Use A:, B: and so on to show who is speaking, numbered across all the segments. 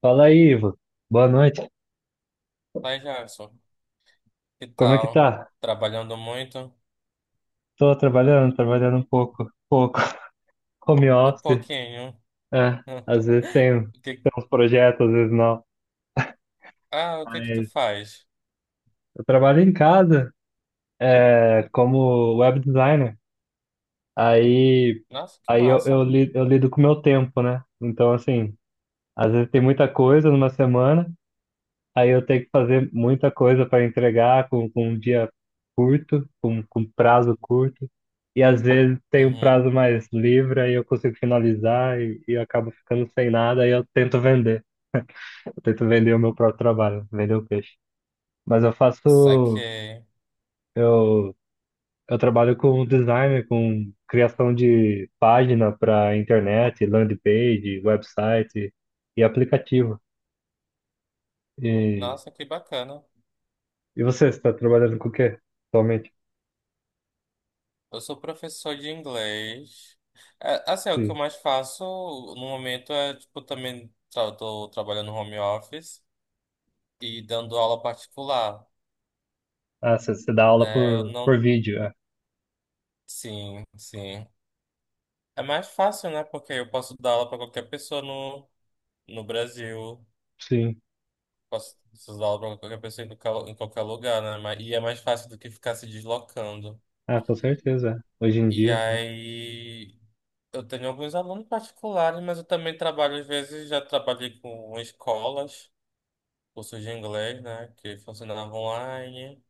A: Fala aí, Ivo. Boa noite.
B: Vai, Jackson. Que
A: Como é que
B: tal?
A: tá?
B: Trabalhando muito?
A: Tô trabalhando, trabalhando um pouco, pouco. Home
B: Um
A: office,
B: pouquinho.
A: é. Às vezes tenho,
B: O que-
A: tenho uns projetos, às vezes não.
B: Ah, o que que tu
A: Mas
B: faz?
A: eu trabalho em casa, é, como web designer. Aí,
B: Nossa, que
A: aí eu, eu,
B: massa.
A: li- eu lido com o meu tempo, né? Então, assim, às vezes tem muita coisa numa semana. Aí eu tenho que fazer muita coisa para entregar com um dia curto, com prazo curto. E às vezes tem um
B: Uhum.
A: prazo mais livre, aí eu consigo finalizar e eu acabo ficando sem nada, aí eu tento vender. Eu tento vender o meu próprio trabalho, vender o peixe. Mas
B: Saquei.
A: eu, eu trabalho com design, com criação de página para internet, landing page, website e aplicativo. E,
B: Nossa, que bacana.
A: e você está trabalhando com o quê atualmente?
B: Eu sou professor de inglês. É, assim, é o que eu mais faço no momento é, tipo, também tra tô trabalhando home office e dando aula particular,
A: Ah, você dá aula
B: né? Eu
A: por
B: não.
A: vídeo, é.
B: Sim, sim. É mais fácil, né? Porque eu posso dar aula para qualquer pessoa no Brasil.
A: Sim.
B: Posso usar ela pra qualquer pessoa em qualquer lugar, né? E é mais fácil do que ficar se deslocando.
A: Ah, com certeza. É. Hoje em
B: E
A: dia. É.
B: aí, eu tenho alguns alunos particulares, mas eu também trabalho, às vezes, já trabalhei com escolas, cursos de inglês, né, que funcionavam online.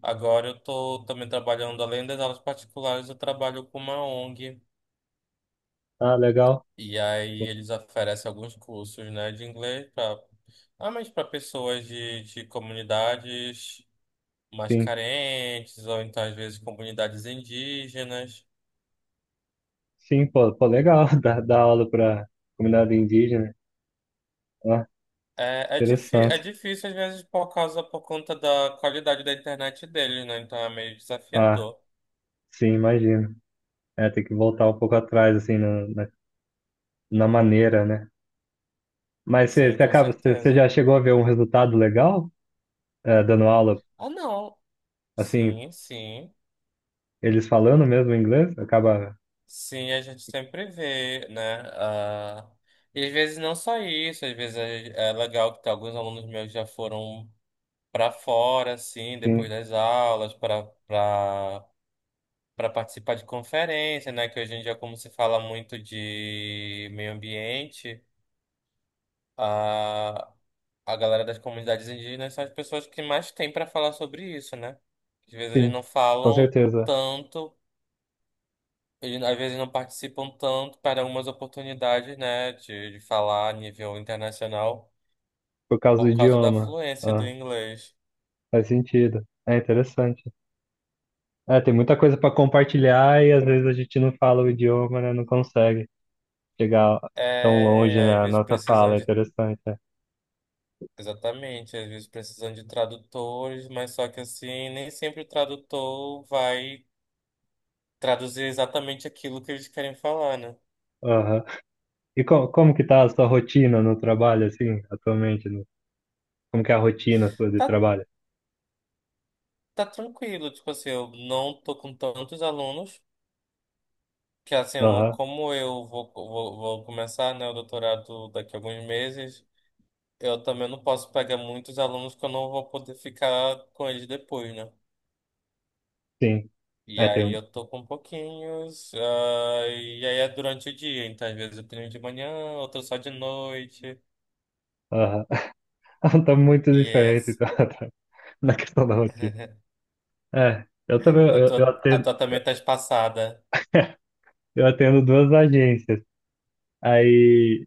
B: Agora eu tô também trabalhando, além das aulas particulares, eu trabalho com uma ONG.
A: Ah, legal.
B: E aí eles oferecem alguns cursos, né, de inglês, pra, ah, mas para pessoas de comunidades mais
A: Sim.
B: carentes, ou então às vezes comunidades indígenas.
A: Sim, pô, pô, legal. Dar aula para comunidade indígena. Ah,
B: É, é, difí é
A: interessante.
B: difícil às vezes por causa, por conta da qualidade da internet deles, né? Então é meio
A: Ah,
B: desafiador.
A: sim, imagino. É, tem que voltar um pouco atrás, assim, na maneira, né? Mas você,
B: Sim,
A: você
B: com
A: acaba, você, você
B: certeza.
A: já chegou a ver um resultado legal, é, dando aula,
B: Ah, não.
A: assim,
B: Sim, sim.
A: eles falando mesmo inglês? Acaba.
B: Sim, a gente sempre vê, né? Ah, e às vezes não só isso, às vezes é legal alguns alunos meus já foram para fora, assim, depois
A: Sim,
B: das aulas, para participar de conferência, né? Que hoje em dia, como se fala muito de meio ambiente, a, a galera das comunidades indígenas são as pessoas que mais têm para falar sobre isso, né? Às vezes eles
A: sim,
B: não
A: com
B: falam
A: certeza.
B: tanto, eles, às vezes não participam tanto para algumas oportunidades, né? De falar a nível internacional
A: Por causa do
B: por causa da
A: idioma.
B: fluência do
A: Ah,
B: inglês.
A: faz sentido. É interessante. É, tem muita coisa para compartilhar e às vezes a gente não fala o idioma, né? Não consegue chegar tão longe
B: É, às
A: na
B: vezes
A: nossa
B: precisam
A: fala. É
B: de.
A: interessante. É.
B: Exatamente, às vezes precisando de tradutores, mas só que assim, nem sempre o tradutor vai traduzir exatamente aquilo que eles querem falar, né?
A: Aham. E co como que tá a sua rotina no trabalho, assim, atualmente? Como que é a rotina sua de
B: Tá,
A: trabalho?
B: tá tranquilo, tipo assim, eu não tô com tantos alunos, que assim, eu não,
A: Aham,
B: como eu vou começar, né, o doutorado daqui a alguns meses, eu também não posso pegar muitos alunos que eu não vou poder ficar com eles depois, né?
A: sim.
B: E
A: É, tem
B: aí
A: um.
B: eu tô com pouquinhos, ah, e aí é durante o dia, então às vezes eu tenho um de manhã, outro só de noite.
A: Aham. Tá muito diferente
B: Yes.
A: então, na questão da rotina. É, eu também,
B: Eu
A: eu, eu
B: tô, a
A: atendo,
B: tua também tá espaçada.
A: eu atendo duas agências. Aí,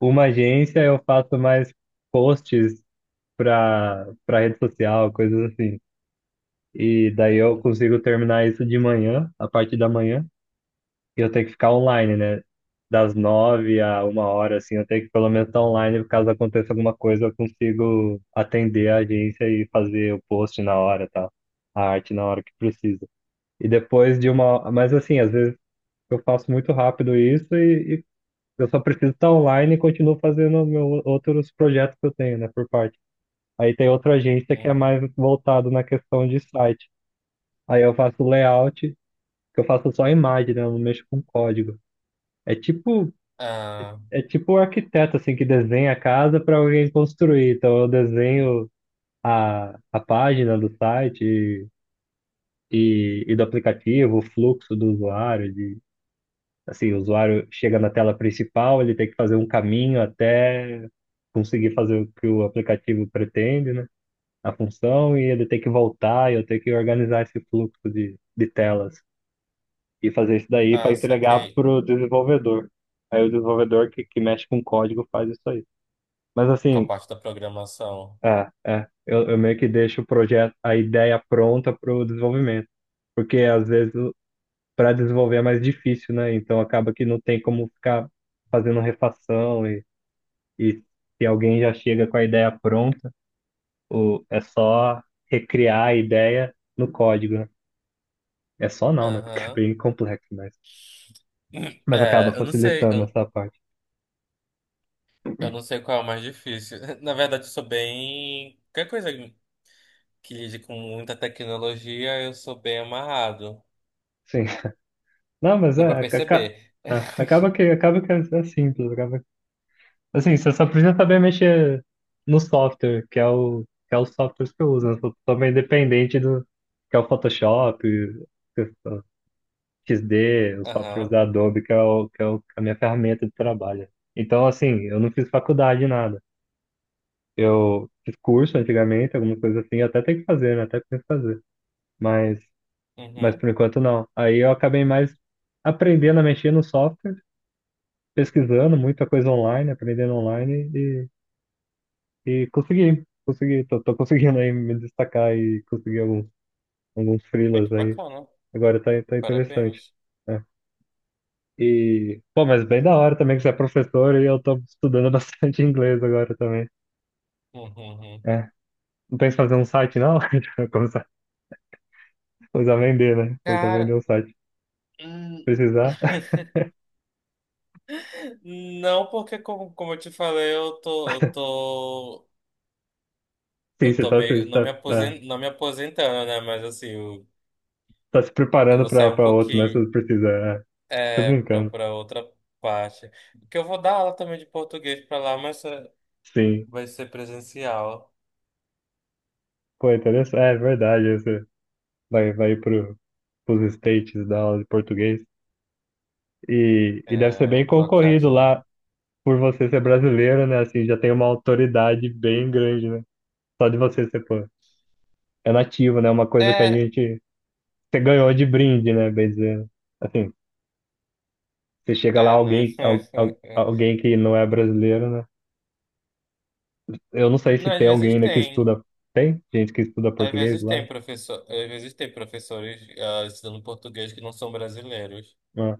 A: uma agência eu faço mais posts para rede social, coisas assim. E daí eu consigo terminar isso de manhã, a parte da manhã, e eu tenho que ficar online, né? Das nove a uma hora, assim, eu tenho que pelo menos estar online, caso aconteça alguma coisa, eu consigo atender a agência e fazer o post na hora, tá a arte na hora que precisa. E depois de uma, mas assim, às vezes eu faço muito rápido isso e eu só preciso estar online e continuo fazendo meus outros projetos que eu tenho, né, por parte. Aí tem outra agência
B: Uhum,
A: que é
B: uhum.
A: mais voltado na questão de site. Aí eu faço layout, que eu faço só imagem, né? Eu não mexo com código. É tipo,
B: Ah,
A: é tipo o arquiteto assim que desenha a casa para alguém construir. Então eu desenho a página do site e do aplicativo, o fluxo do usuário, de assim, o usuário chega na tela principal, ele tem que fazer um caminho até conseguir fazer o que o aplicativo pretende, né? A função e ele ter que voltar e eu ter que organizar esse fluxo de telas e fazer isso daí para
B: ah,
A: entregar
B: saquei.
A: para o desenvolvedor. Aí o desenvolvedor que mexe com código faz isso aí. Mas
B: Com a
A: assim,
B: parte da programação.
A: eu meio que deixo o projeto, a ideia pronta para o desenvolvimento, porque às vezes para desenvolver é mais difícil, né? Então acaba que não tem como ficar fazendo refação e se alguém já chega com a ideia pronta, é só recriar a ideia no código, né? É só não, né? Porque é
B: Aham.
A: bem complexo, mas acaba
B: É,
A: facilitando essa parte.
B: eu não sei qual é o mais difícil. Na verdade, eu sou bem. Qualquer coisa que lide com muita tecnologia, eu sou bem amarrado.
A: Sim. Não, mas
B: Deu pra
A: é, aca- aca-
B: perceber.
A: é, acaba que, acaba que é simples. Acaba. Assim, você só precisa saber mexer no software, que é os softwares que eu uso, né? Eu sou meio dependente do que é o Photoshop, que é o XD, os softwares
B: Aham.
A: da Adobe, a minha ferramenta de trabalho. Então, assim, eu não fiz faculdade, nada. Eu fiz curso antigamente, alguma coisa assim, eu até tenho que fazer, né? Até tenho que fazer. Mas mas
B: Uhum.
A: por enquanto não. Aí eu acabei mais aprendendo a mexer no software, pesquisando muita coisa online, aprendendo online e tô conseguindo aí me destacar e conseguir alguns
B: É
A: freelas
B: que
A: aí.
B: bacana.
A: Agora tá interessante,
B: Parabéns.
A: né? E, pô, mas bem da hora também que você é professor e eu tô estudando bastante inglês agora também.
B: Uhum, uhum.
A: É. Não pensa em fazer um site, não? Começar, começar a vender, né? Começar a vender
B: Cara,
A: um site.
B: hum,
A: Precisar.
B: não porque como eu te falei, eu tô, eu tô,
A: Sim,
B: eu
A: você
B: tô
A: está tá,
B: meio,
A: você tá, é,
B: não me aposentando, né? Mas assim,
A: tá se
B: eu
A: preparando
B: vou sair um
A: para outro, né? Se
B: pouquinho,
A: você precisa. É. Tô
B: é, pra,
A: brincando.
B: pra outra parte. Porque eu vou dar aula também de português pra lá, mas é
A: Sim.
B: vai ser presencial.
A: Pô, é interessante. É verdade. Você vai pros States da aula de português. E deve
B: Né?
A: ser
B: Eu
A: bem
B: vou trocar de.
A: concorrido lá por você ser brasileiro, né? Assim, já tem uma autoridade bem grande, né? Só de você ser, pô, é nativo, né? Uma coisa que a
B: É,
A: gente. Você ganhou de brinde, né? Bem dizendo. Assim, você chega lá,
B: é, né?
A: alguém, al, al- alguém que não é brasileiro, né? Eu não sei se
B: Não, às
A: tem alguém
B: vezes
A: ainda que
B: tem.
A: estuda. Tem gente que estuda
B: Às
A: português
B: vezes
A: lá?
B: tem professor, às vezes tem professores ensinando português que não são brasileiros.
A: Ah,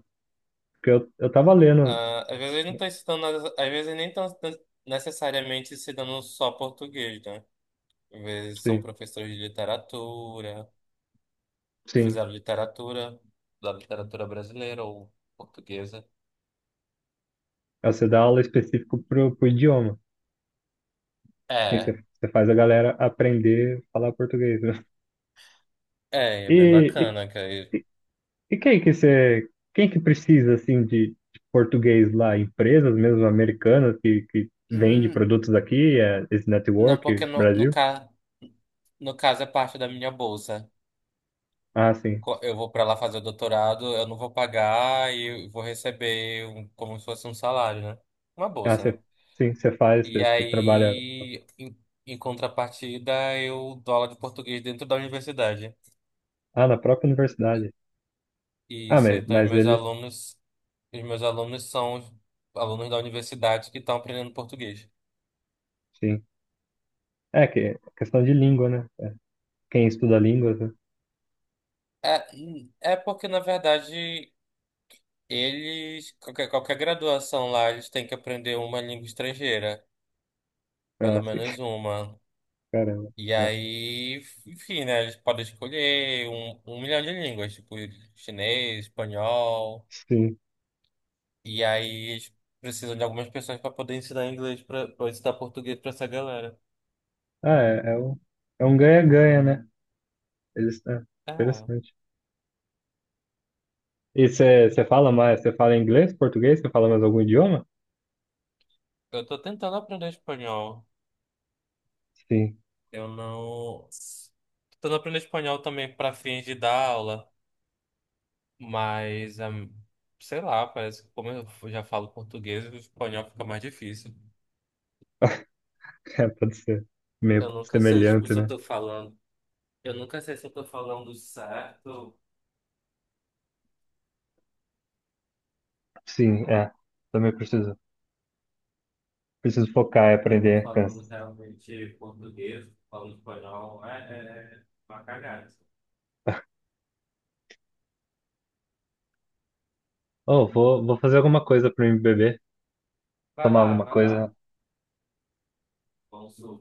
A: porque eu tava lendo.
B: Ah, às vezes não estão ensinando, às vezes nem estão necessariamente ensinando só português, né? Às vezes são
A: Sim,
B: professores de literatura,
A: sim.
B: fizeram literatura, da literatura brasileira ou portuguesa.
A: É, você dá aula específica pro idioma. Assim, você,
B: É,
A: você faz a galera aprender a falar português, né?
B: é, é bem
A: E,
B: bacana, cara.
A: e, e quem que precisa, assim, de português lá? Empresas mesmo americanas que vende
B: Hum,
A: produtos aqui, é, esse
B: não, porque
A: network,
B: no, no,
A: Brasil?
B: ca, no caso é parte da minha bolsa.
A: Ah, sim.
B: Eu vou para lá fazer o doutorado, eu não vou pagar e vou receber um como se fosse um salário, né? Uma
A: Ah,
B: bolsa, né?
A: você, sim, você faz,
B: E
A: você, você trabalha,
B: aí, em contrapartida, eu dou aula de português dentro da universidade.
A: ah, na própria
B: E
A: universidade. Ah,
B: isso,
A: mas,
B: então
A: mas eles,
B: os meus alunos são os alunos da universidade que estão aprendendo português.
A: sim. É que é questão de língua, né? Quem estuda línguas, né?
B: É, é porque, na verdade, qualquer, graduação lá, eles têm que aprender uma língua estrangeira, pelo
A: Ah, sim,
B: menos uma.
A: caramba.
B: E
A: Ah,
B: aí, enfim, né? Eles podem escolher um milhão de línguas, tipo chinês, espanhol.
A: sim.
B: E aí eles precisam de algumas pessoas para poder ensinar inglês, para ensinar português para essa galera.
A: Ah, é um ganha-ganha, né? Eles, é,
B: Ah,
A: interessante. E você fala mais, você fala inglês, português, você fala mais algum idioma?
B: eu tô tentando aprender espanhol.
A: Sim,
B: Eu não. Tô tentando aprender espanhol também para fins de dar aula, mas, sei lá, parece que como eu já falo português, o espanhol fica mais difícil.
A: É, pode ser meio
B: Eu nunca sei, tipo,
A: semelhante,
B: se eu
A: né?
B: tô falando. Eu nunca sei se eu tô falando certo.
A: Sim, é. Também preciso focar e
B: Eu tô
A: aprender. Cansa.
B: falando realmente português, falando espanhol, é uma cagada.
A: Oh, vou fazer alguma coisa para me beber.
B: Vai
A: Tomar
B: lá,
A: alguma
B: vai lá.
A: coisa.
B: Vamos supor.